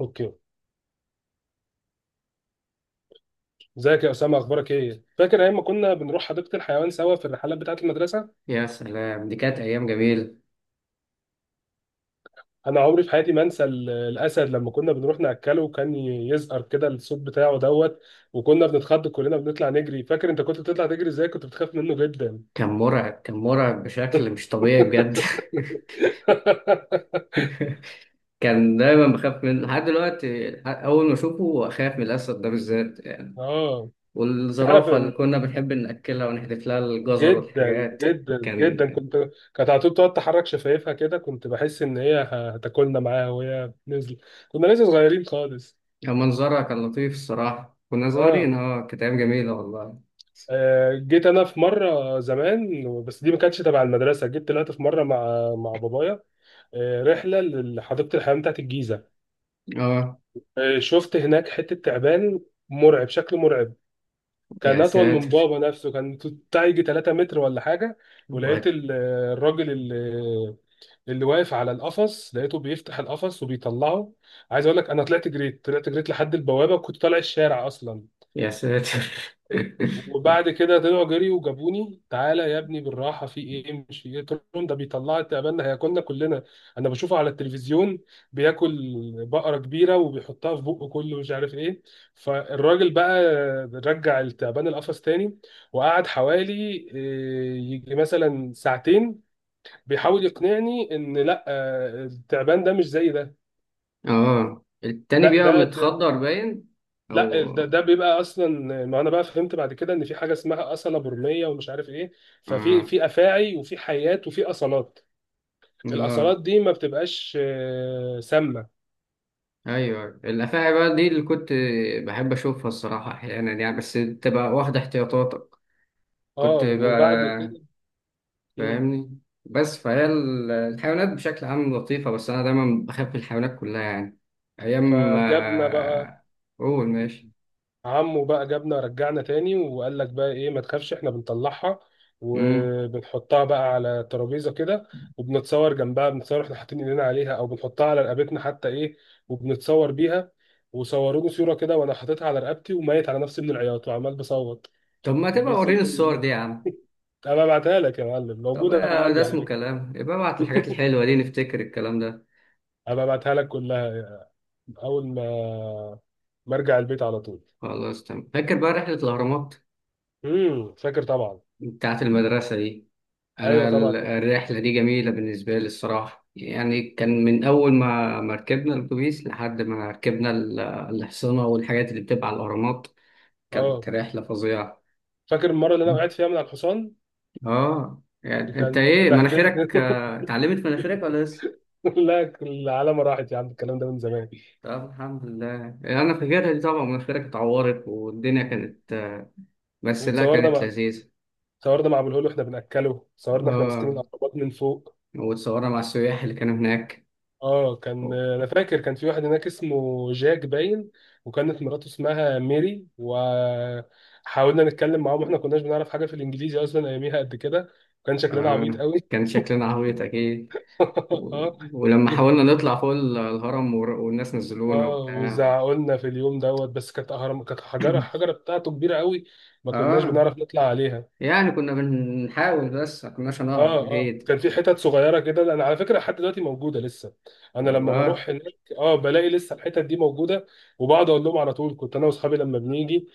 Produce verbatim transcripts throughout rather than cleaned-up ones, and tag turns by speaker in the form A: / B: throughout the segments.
A: اوكي. ازيك يا اسامه؟ اخبارك ايه؟ فاكر ايام ما كنا بنروح حديقه الحيوان سوا في الرحلات بتاعه المدرسه؟
B: يا سلام، دي كانت أيام جميلة.
A: انا عمري في حياتي ما انسى ال- الاسد لما كنا بنروح ناكله، وكان ي- يزقر كده الصوت بتاعه دوت. وكنا بنتخض كلنا، بنطلع نجري. فاكر انت كنت بتطلع تجري ازاي؟ كنت بتخاف منه جدا.
B: كان مرعب، كان مرعب بشكل مش طبيعي بجد. كان دايما بخاف منه لحد دلوقتي، أول ما أشوفه أخاف من الأسد ده بالذات يعني.
A: اه. تعرف
B: والزرافة اللي
A: ان
B: كنا بنحب نأكلها ونحذف لها الجزر
A: جدا
B: والحاجات.
A: جدا
B: كان
A: جدا كنت، كانت على طول تقعد تحرك شفايفها كده، كنت بحس ان هي هتاكلنا معاها وهي نزل. كنا لسه صغيرين خالص.
B: كان منظرها كان لطيف الصراحة، كنا
A: اه.
B: صغيرين، اه، كانت أيام جميلة والله.
A: آه، جيت انا في مره زمان، بس دي ما كانتش تبع المدرسه، جيت طلعت في مره مع مع بابايا. آه، رحله لحديقه الحيوان بتاعت الجيزه.
B: اه،
A: آه، شفت هناك حته تعبان، مرعب، شكل مرعب. كان
B: يا
A: اطول من
B: ساتر.
A: بابا نفسه، كان بتاع يجي تلات متر ولا حاجه. ولقيت
B: وات-
A: ال- الراجل اللي اللي واقف على القفص، لقيته بيفتح القفص وبيطلعه. عايز اقول لك انا طلعت جريت، طلعت جريت لحد البوابه، وكنت طالع الشارع اصلا.
B: يا ساتر.
A: وبعد كده طلعوا جري وجابوني، تعالى يا ابني بالراحه، في ايه مش في ايه، قلت لهم ده بيطلع تقابلنا هياكلنا كلنا. انا بشوفه على التلفزيون بياكل بقره كبيره وبيحطها في بقه كله مش عارف ايه. فالراجل بقى رجع التعبان القفص تاني، وقعد حوالي إيه، يجي مثلا ساعتين بيحاول يقنعني ان لا، آه، التعبان ده مش زي ده.
B: اه، التاني
A: لا
B: بيبقى
A: ده،
B: متخدر باين، أو
A: لا ده ده بيبقى اصلا. ما انا بقى فهمت بعد كده ان في حاجه اسمها اصله برميه ومش عارف ايه. ففي
B: آه،
A: في افاعي وفي حيات وفي اصلات.
B: اه،
A: الاصلات دي ما بتبقاش آه، سامه.
B: ايوه، الافاعي بقى دي اللي كنت بحب اشوفها الصراحه، احيانا يعني، بس تبقى واخده احتياطاتك. كنت
A: اه وبعد
B: بقى
A: كده. مم.
B: فاهمني. بس فهي ال- الحيوانات بشكل عام لطيفه، بس انا دايما بخاف من الحيوانات كلها يعني. ايام
A: فجبنا بقى،
B: آه، قول ماشي.
A: عمه بقى جابنا رجعنا تاني، وقال لك بقى ايه ما تخافش احنا بنطلعها
B: مم.
A: وبنحطها بقى على ترابيزه كده، وبنتصور جنبها، بنتصور احنا حاطين ايدينا عليها، او بنحطها على رقبتنا حتى ايه، وبنتصور بيها. وصوروني صوره كده وانا حاططها على رقبتي وميت على نفسي من العياط وعمال بصوت
B: طب ما تبقى وريني الصور
A: بيسلموني.
B: دي يا عم.
A: ابقى ابعتها لك يا معلم،
B: طب،
A: موجوده
B: آه، ده
A: عندي على
B: اسمه
A: فكره.
B: كلام، يبقى ابعت الحاجات الحلوه دي نفتكر الكلام ده.
A: ابقى ابعتها لك كلها اول ما ما ارجع البيت على طول.
B: خلاص تمام. فاكر بقى رحله الاهرامات
A: امم، فاكر طبعا.
B: بتاعت المدرسه دي؟
A: ايوه
B: أنا
A: طبعا
B: ال-
A: فاكر.
B: الرحلة دي جميلة بالنسبة لي الصراحة يعني،
A: مم.
B: كان من أول ما ما ركبنا الأتوبيس لحد ما ركبنا ال- الحصينة والحاجات اللي بتبقى على الأهرامات.
A: اه،
B: كانت رحلة فظيعة.
A: فاكر المره اللي انا وقعت فيها من على الحصان
B: آه،
A: اللي
B: يعني أنت
A: كان
B: إيه
A: بهدلت.
B: مناخيرك، آه، اتعلمت مناخيرك ولا لسه؟
A: لا، العلامه راحت يا عم، الكلام ده من زمان.
B: طب الحمد لله. أنا فاكرها دي طبعا، مناخيرك اتعورت والدنيا
A: مم.
B: كانت آه، بس لا،
A: وتصورنا
B: كانت
A: مع
B: لذيذة.
A: تصورنا مع ابو الهول واحنا بناكله، صورنا احنا ماسكين
B: آه،
A: الاقربات من فوق.
B: وتصورنا مع السياح اللي كانوا هناك.
A: اه، كان انا فاكر كان في واحد هناك اسمه جاك باين، وكانت مراته اسمها ميري، وحاولنا نتكلم معاهم، احنا كناش بنعرف حاجه في الانجليزي اصلا اياميها قد كده. كان شكلنا عبيط
B: آه،
A: قوي.
B: كان شكلنا عبيط أكيد. ولما
A: اه.
B: حاولنا نطلع فوق ال- الهرم ور- والناس نزلونا
A: اه،
B: وبتاع.
A: وزعقولنا في اليوم دوت. بس كانت اهرام، كانت حجره، الحجره بتاعته كبيره قوي، ما كناش
B: اه،
A: بنعرف نطلع عليها.
B: يعني كنا بنحاول بس ما كناش
A: اه.
B: هنعرف
A: اه،
B: اكيد.
A: كان في حتت صغيره كده انا على فكره لحد دلوقتي موجوده لسه. انا لما
B: والله.
A: بروح هناك اه بلاقي لسه الحتت دي موجوده، وبقعد اقول لهم على طول كنت انا واصحابي لما بنيجي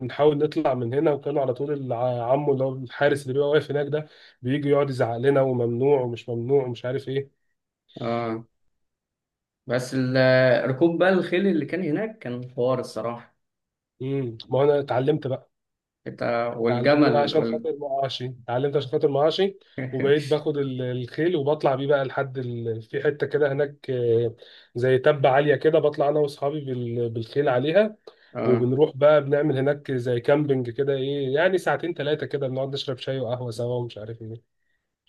A: بنحاول نطلع من هنا، وكانوا على طول الع- عمو اللي هو الحارس اللي بيبقى واقف هناك ده بيجي يقعد يزعق لنا، وممنوع ومش ممنوع ومش عارف ايه.
B: اه. بس ال- ركوب بقى الخيل اللي كان هناك كان حوار الصراحة.
A: امم، ما هو انا اتعلمت.
B: انت
A: اتعلمت بقى
B: والجمل
A: عشان
B: وال...
A: خاطر معاشي، اتعلمت عشان خاطر معاشي. وبقيت باخد ال- الخيل وبطلع بيه بقى لحد ال... في حته كده هناك آه، زي تبة عاليه كده، بطلع انا واصحابي بال... بالخيل عليها.
B: اه،
A: وبنروح بقى بنعمل هناك زي كامبينج كده، ايه يعني ساعتين ثلاثه كده بنقعد نشرب شاي وقهوه سوا ومش عارف ايه.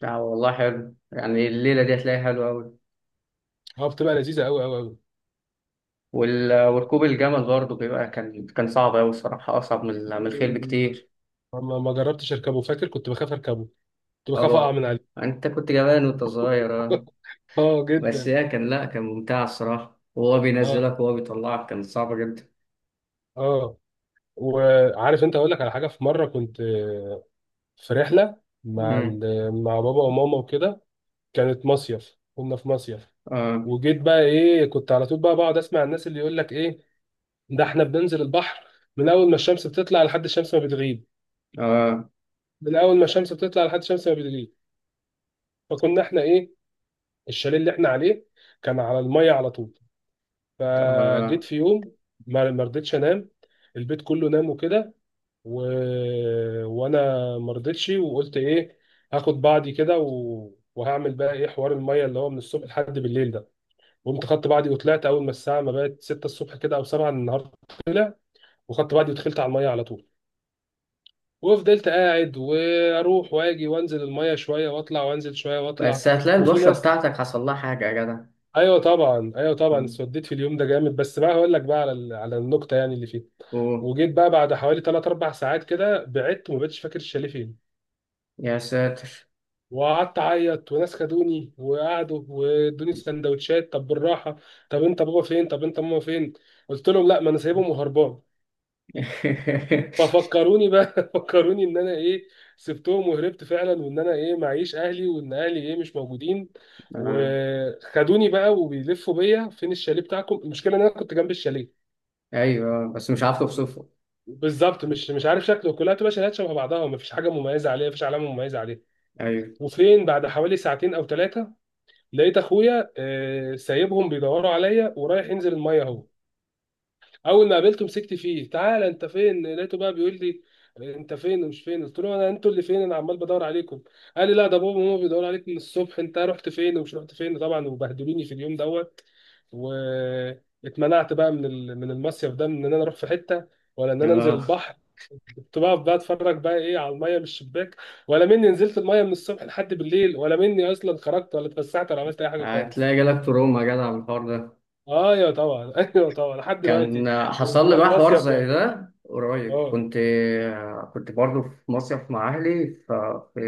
B: لا والله حلو، يعني الليلة دي هتلاقيها حلوة أوي.
A: اه، بتبقى لذيذه قوي قوي قوي.
B: وال... وركوب الجمل برضه بيبقى كان كان صعب أوي الصراحة، أصعب من ال- من الخيل بكتير.
A: ما ما جربتش اركبه، فاكر كنت بخاف اركبه، كنت بخاف اقع
B: اه،
A: من عليه.
B: أنت كنت جبان وأنت صغير آه.
A: اه
B: بس
A: جدا.
B: هي كان لا، كان ممتع الصراحة، وهو
A: اه.
B: بينزلك وهو بيطلعك كانت صعبة جدا.
A: اه، وعارف انت، اقول لك على حاجه، في مره كنت في رحلة مع
B: مم.
A: ال- مع بابا وماما وكده، كانت مصيف، كنا في مصيف.
B: آه.
A: وجيت بقى ايه، كنت على طول بقى بقعد اسمع الناس اللي يقول لك ايه، ده احنا بننزل البحر من اول ما الشمس بتطلع لحد الشمس ما بتغيب،
B: آه.
A: من اول ما الشمس بتطلع لحد الشمس ما بتغيب. فكنا احنا ايه، الشاليه اللي احنا عليه كان على المية على طول. فجيت
B: آه.
A: في يوم ما ما رضيتش انام، البيت كله نام وكده، و... وانا ما رضيتش، وقلت ايه، هاخد بعضي كده و... وهعمل بقى ايه حوار الميه اللي هو من الصبح لحد بالليل ده. قمت خدت بعضي وطلعت اول ما الساعه ما بقت ستة الصبح كده او سبعة النهارده، وخدت بعضي ودخلت على الميه على طول، وفضلت قاعد واروح واجي وانزل الميه شويه واطلع وانزل شويه
B: بس
A: واطلع.
B: هتلاقي
A: وفي
B: البشرة
A: ناس،
B: بتاعتك حصل لها حاجة يا جدع.
A: ايوه طبعا، ايوه طبعا
B: مم.
A: اتسوديت في اليوم ده جامد، بس بقى هقول لك بقى على ال- على النقطه يعني اللي فيه.
B: أوه،
A: وجيت بقى بعد حوالي ثلاثة اربع ساعات كده بعدت، وما بقتش فاكر الشاليه فين.
B: يا ساتر.
A: وقعدت اعيط، وناس خدوني وقعدوا وادوني سندوتشات، طب بالراحه، طب انت بابا فين، طب انت ماما فين، قلت لهم لا، ما انا سايبهم وهربان. ففكروني بقى فكروني ان انا ايه، سبتهم وهربت فعلا، وان انا ايه معيش اهلي، وان اهلي ايه مش موجودين.
B: آه.
A: وخدوني بقى وبيلفوا بيا، فين الشاليه بتاعكم؟ المشكله ان انا كنت جنب الشاليه
B: أيوه بس مش عارف أوصفه.
A: بالظبط، مش مش عارف شكله، كلها بتبقى شاليهات شبه بعضها، ومفيش حاجه مميزه عليها، مفيش علامه مميزه عليها.
B: أيوه.
A: وفين بعد حوالي ساعتين او ثلاثه لقيت اخويا آه، سايبهم بيدوروا عليا ورايح ينزل الميه اهو. اول ما قابلته مسكت فيه، تعالى انت فين، لقيته بقى بيقول لي انت فين ومش فين، قلت له انا انتوا اللي فين، انا عمال بدور عليكم. قال لي لا، ده بابا وماما بيدوروا عليك من الصبح، انت رحت فين ومش رحت فين، طبعا وبهدلوني في اليوم دوت. واتمنعت بقى من ال- من المصيف ده، من ان انا اروح في حته، ولا ان انا انزل
B: آه.
A: البحر. كنت بقف بقى اتفرج بقى ايه على الميه من الشباك، ولا مني نزلت الميه من الصبح لحد بالليل، ولا مني اصلا خرجت، ولا اتفسحت، ولا عملت اي حاجه خالص.
B: هتلاقي جالك تروما يا جدع من الحوار ده.
A: ايوه طبعا ايوه طبعا لحد دلوقتي
B: كان
A: لما
B: حصل لي
A: بروح
B: بقى حوار
A: مصيف
B: زي
A: ولا.
B: ده قريب.
A: اه.
B: كنت آه، كنت برضه في مصيف مع أهلي، ففي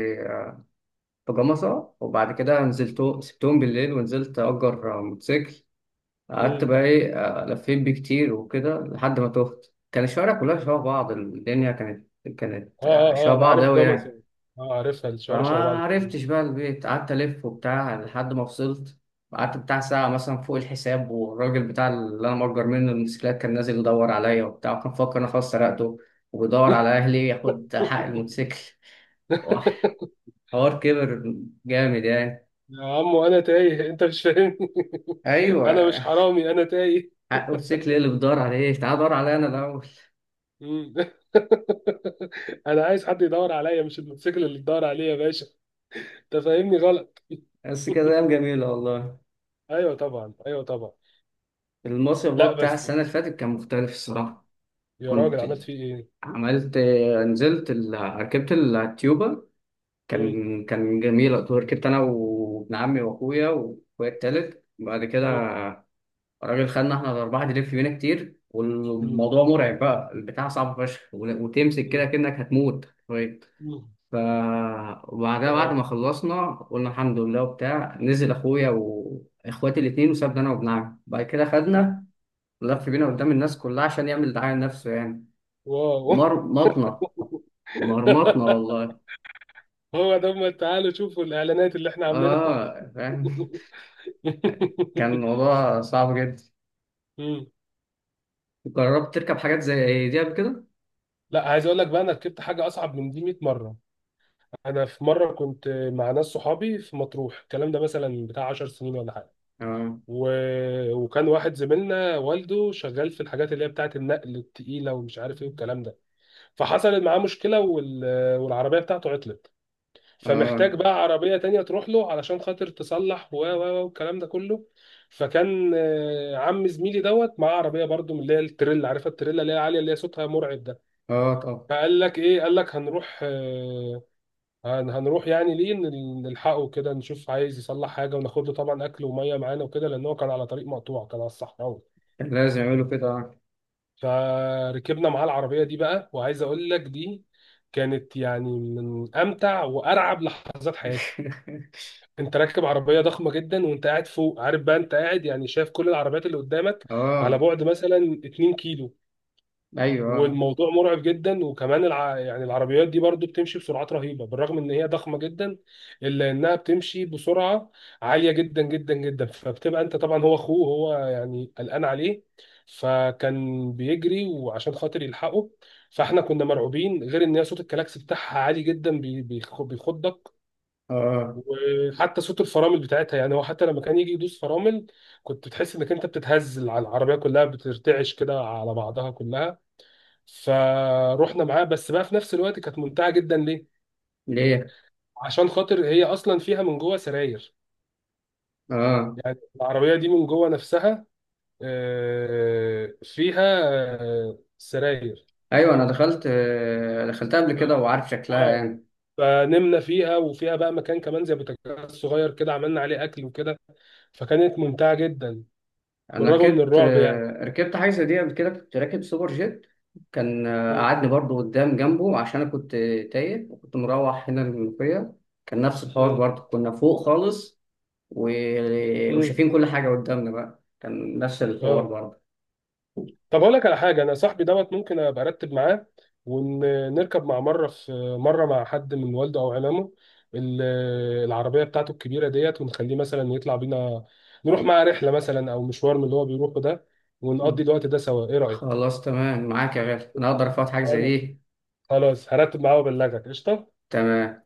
B: في جمصة. وبعد كده نزلت، سبتهم بالليل ونزلت أجر موتوسيكل. قعدت
A: مم.
B: بقى إيه، آه، لفيت بيه كتير وكده لحد ما تهت. كان الشوارع كلها شبه بعض، الدنيا كانت
A: اه
B: كانت آه،
A: اه
B: شبه
A: اه، انا
B: بعض
A: عارف
B: أوي يعني.
A: جمصة، اه عارفها، الشوارع شبه بعض
B: فما
A: تقريبا.
B: عرفتش بقى البيت، قعدت ألف وبتاع لحد ما وصلت. قعدت بتاع ساعة مثلا فوق الحساب، والراجل بتاع اللي أنا مأجر منه الموتوسيكلات كان نازل يدور عليا وبتاع، كان مفكر إن أنا خلاص سرقته وبيدور على أهلي ياخد حق الموتوسيكل. وح- حوار كبر جامد يعني.
A: يا عم انا تايه، انت مش فاهمني.
B: ايوه،
A: انا مش حرامي، انا تايه.
B: حق وسيكل ايه اللي بتدور عليه؟ تعال دور عليا انا الاول.
A: مم. انا عايز حد يدور عليا، مش الموتوسيكل اللي يدور عليا يا باشا، انت فاهمني غلط.
B: بس كده ايام جميله والله.
A: ايوه طبعا، ايوه طبعا.
B: المصيف بقى
A: لا
B: بتاع
A: بس،
B: السنه اللي فاتت كان مختلف الصراحه.
A: يا راجل
B: كنت
A: عملت فيه ايه؟
B: عملت نزلت ال... ركبت التيوبا.
A: مم.
B: كان كان جميل، ركبت انا وابن عمي واخويا واخويا التالت بعد كده.
A: مم.
B: الراجل خدنا احنا الاربعه نلف بينا كتير،
A: مم.
B: والموضوع مرعب بقى، البتاع صعب فشخ وتمسك كده
A: مم.
B: كأنك هتموت.
A: مم.
B: ف وبعدها، بعد
A: واو.
B: ما خلصنا قلنا الحمد لله وبتاع، نزل اخويا واخواتي الاتنين، وسابنا انا وابن عمي. بعد كده خدنا لف بينا قدام الناس كلها عشان يعمل دعاية لنفسه يعني.
A: واو.
B: مرمطنا، مرمطنا والله.
A: هو ده هم، تعالوا شوفوا الاعلانات اللي احنا عاملينها.
B: اه، فاهم. كان الموضوع صعب جدا.
A: مم.
B: جربت تركب حاجات زي دي قبل كده؟
A: لا، عايز اقول لك بقى، انا ركبت حاجه اصعب من دي مية مره. انا في مره كنت مع ناس صحابي في مطروح، الكلام ده مثلا بتاع عشر سنين ولا حاجه،
B: اه،
A: و... وكان واحد زميلنا والده شغال في الحاجات اللي هي بتاعه النقل التقيله ومش عارف ايه والكلام ده. فحصلت معاه مشكله وال... والعربيه بتاعته عطلت، فمحتاج
B: اه،
A: بقى عربية تانية تروح له علشان خاطر تصلح و و و والكلام ده كله. فكان آه، عم زميلي دوت معاه عربية برضو من اللي هي التريلا، عارفة التريلا اللي هي عالية اللي هي صوتها مرعب ده.
B: اه، طبعا.
A: فقال لك ايه، قال لك هنروح آه، هن- هنروح يعني ليه نل- نلحقه كده نشوف عايز يصلح حاجة، وناخد له طبعا أكل ومية معانا وكده، لأن هو كان على طريق مقطوع، كان على الصحراوي.
B: كان لازم يعملوا كده، اه.
A: فركبنا معاه العربية دي بقى، وعايز أقول لك دي كانت يعني من أمتع وأرعب لحظات حياتي. انت راكب عربيه ضخمه جدا وانت قاعد فوق، عارف بقى انت قاعد يعني شايف كل العربيات اللي قدامك على
B: اه،
A: بعد مثلا اتنين كيلو،
B: ايوه، اه،
A: والموضوع مرعب جدا. وكمان الع... يعني العربيات دي برضو بتمشي بسرعات رهيبه، بالرغم ان هي ضخمه جدا الا انها بتمشي بسرعه عاليه جدا جدا جدا. فبتبقى انت طبعا، هو اخوه هو يعني قلقان عليه، فكان بيجري وعشان خاطر يلحقه، فاحنا كنا مرعوبين، غير ان هي صوت الكلاكس بتاعها عالي جدا بي- بيخ- بيخضك،
B: آه.
A: وحتى صوت الفرامل بتاعتها، يعني هو حتى لما كان يجي يدوس فرامل كنت بتحس انك انت بتتهز، على العربيه كلها بترتعش كده على بعضها كلها. فروحنا معاه، بس بقى في نفس الوقت كانت ممتعه جدا. ليه؟
B: ليه؟
A: عشان خاطر هي اصلا فيها من جوه سراير،
B: اه،
A: يعني العربيه دي من جوه نفسها آه، فيها آه، سراير.
B: ايوه، انا دخلت آه، دخلتها قبل
A: ف-
B: كده وعارف شكلها
A: اه.
B: يعني.
A: فنمنا فيها، وفيها بقى مكان كمان زي بوتاجاز صغير كده عملنا عليه اكل وكده، فكانت ممتعه جدا
B: انا
A: بالرغم من
B: ركبت
A: الرعب يعني.
B: آه، ركبت حاجه زي دي قبل كده، كنت راكب سوبر جيت. كان آه، قعدني برضو قدام جنبه عشان انا كنت تايه، وكنت مروح هنا المنوفيه. كان نفس الحوار
A: امم.
B: برضو، كنا فوق خالص. و...
A: امم.
B: وشايفين كل حاجه قدامنا، بقى كان نفس الحوار
A: اه،
B: برضو.
A: طب اقول لك على حاجه، انا صاحبي دوت ممكن ابقى ارتب معاه ونركب مع مره في مره مع حد من والده او عمامه ال- العربيه بتاعته الكبيره ديت، ونخليه مثلا يطلع بينا، نروح معاه رحله مثلا او مشوار من اللي هو بيروحه ده، ونقضي
B: مم.
A: الوقت ده سوا، ايه رايك؟
B: خلاص تمام معاك يا غالي، انا اقدر افوت حاجه زي
A: وانا
B: دي؟
A: خلاص هرتب معاه وابلغك، قشطه.
B: تمام.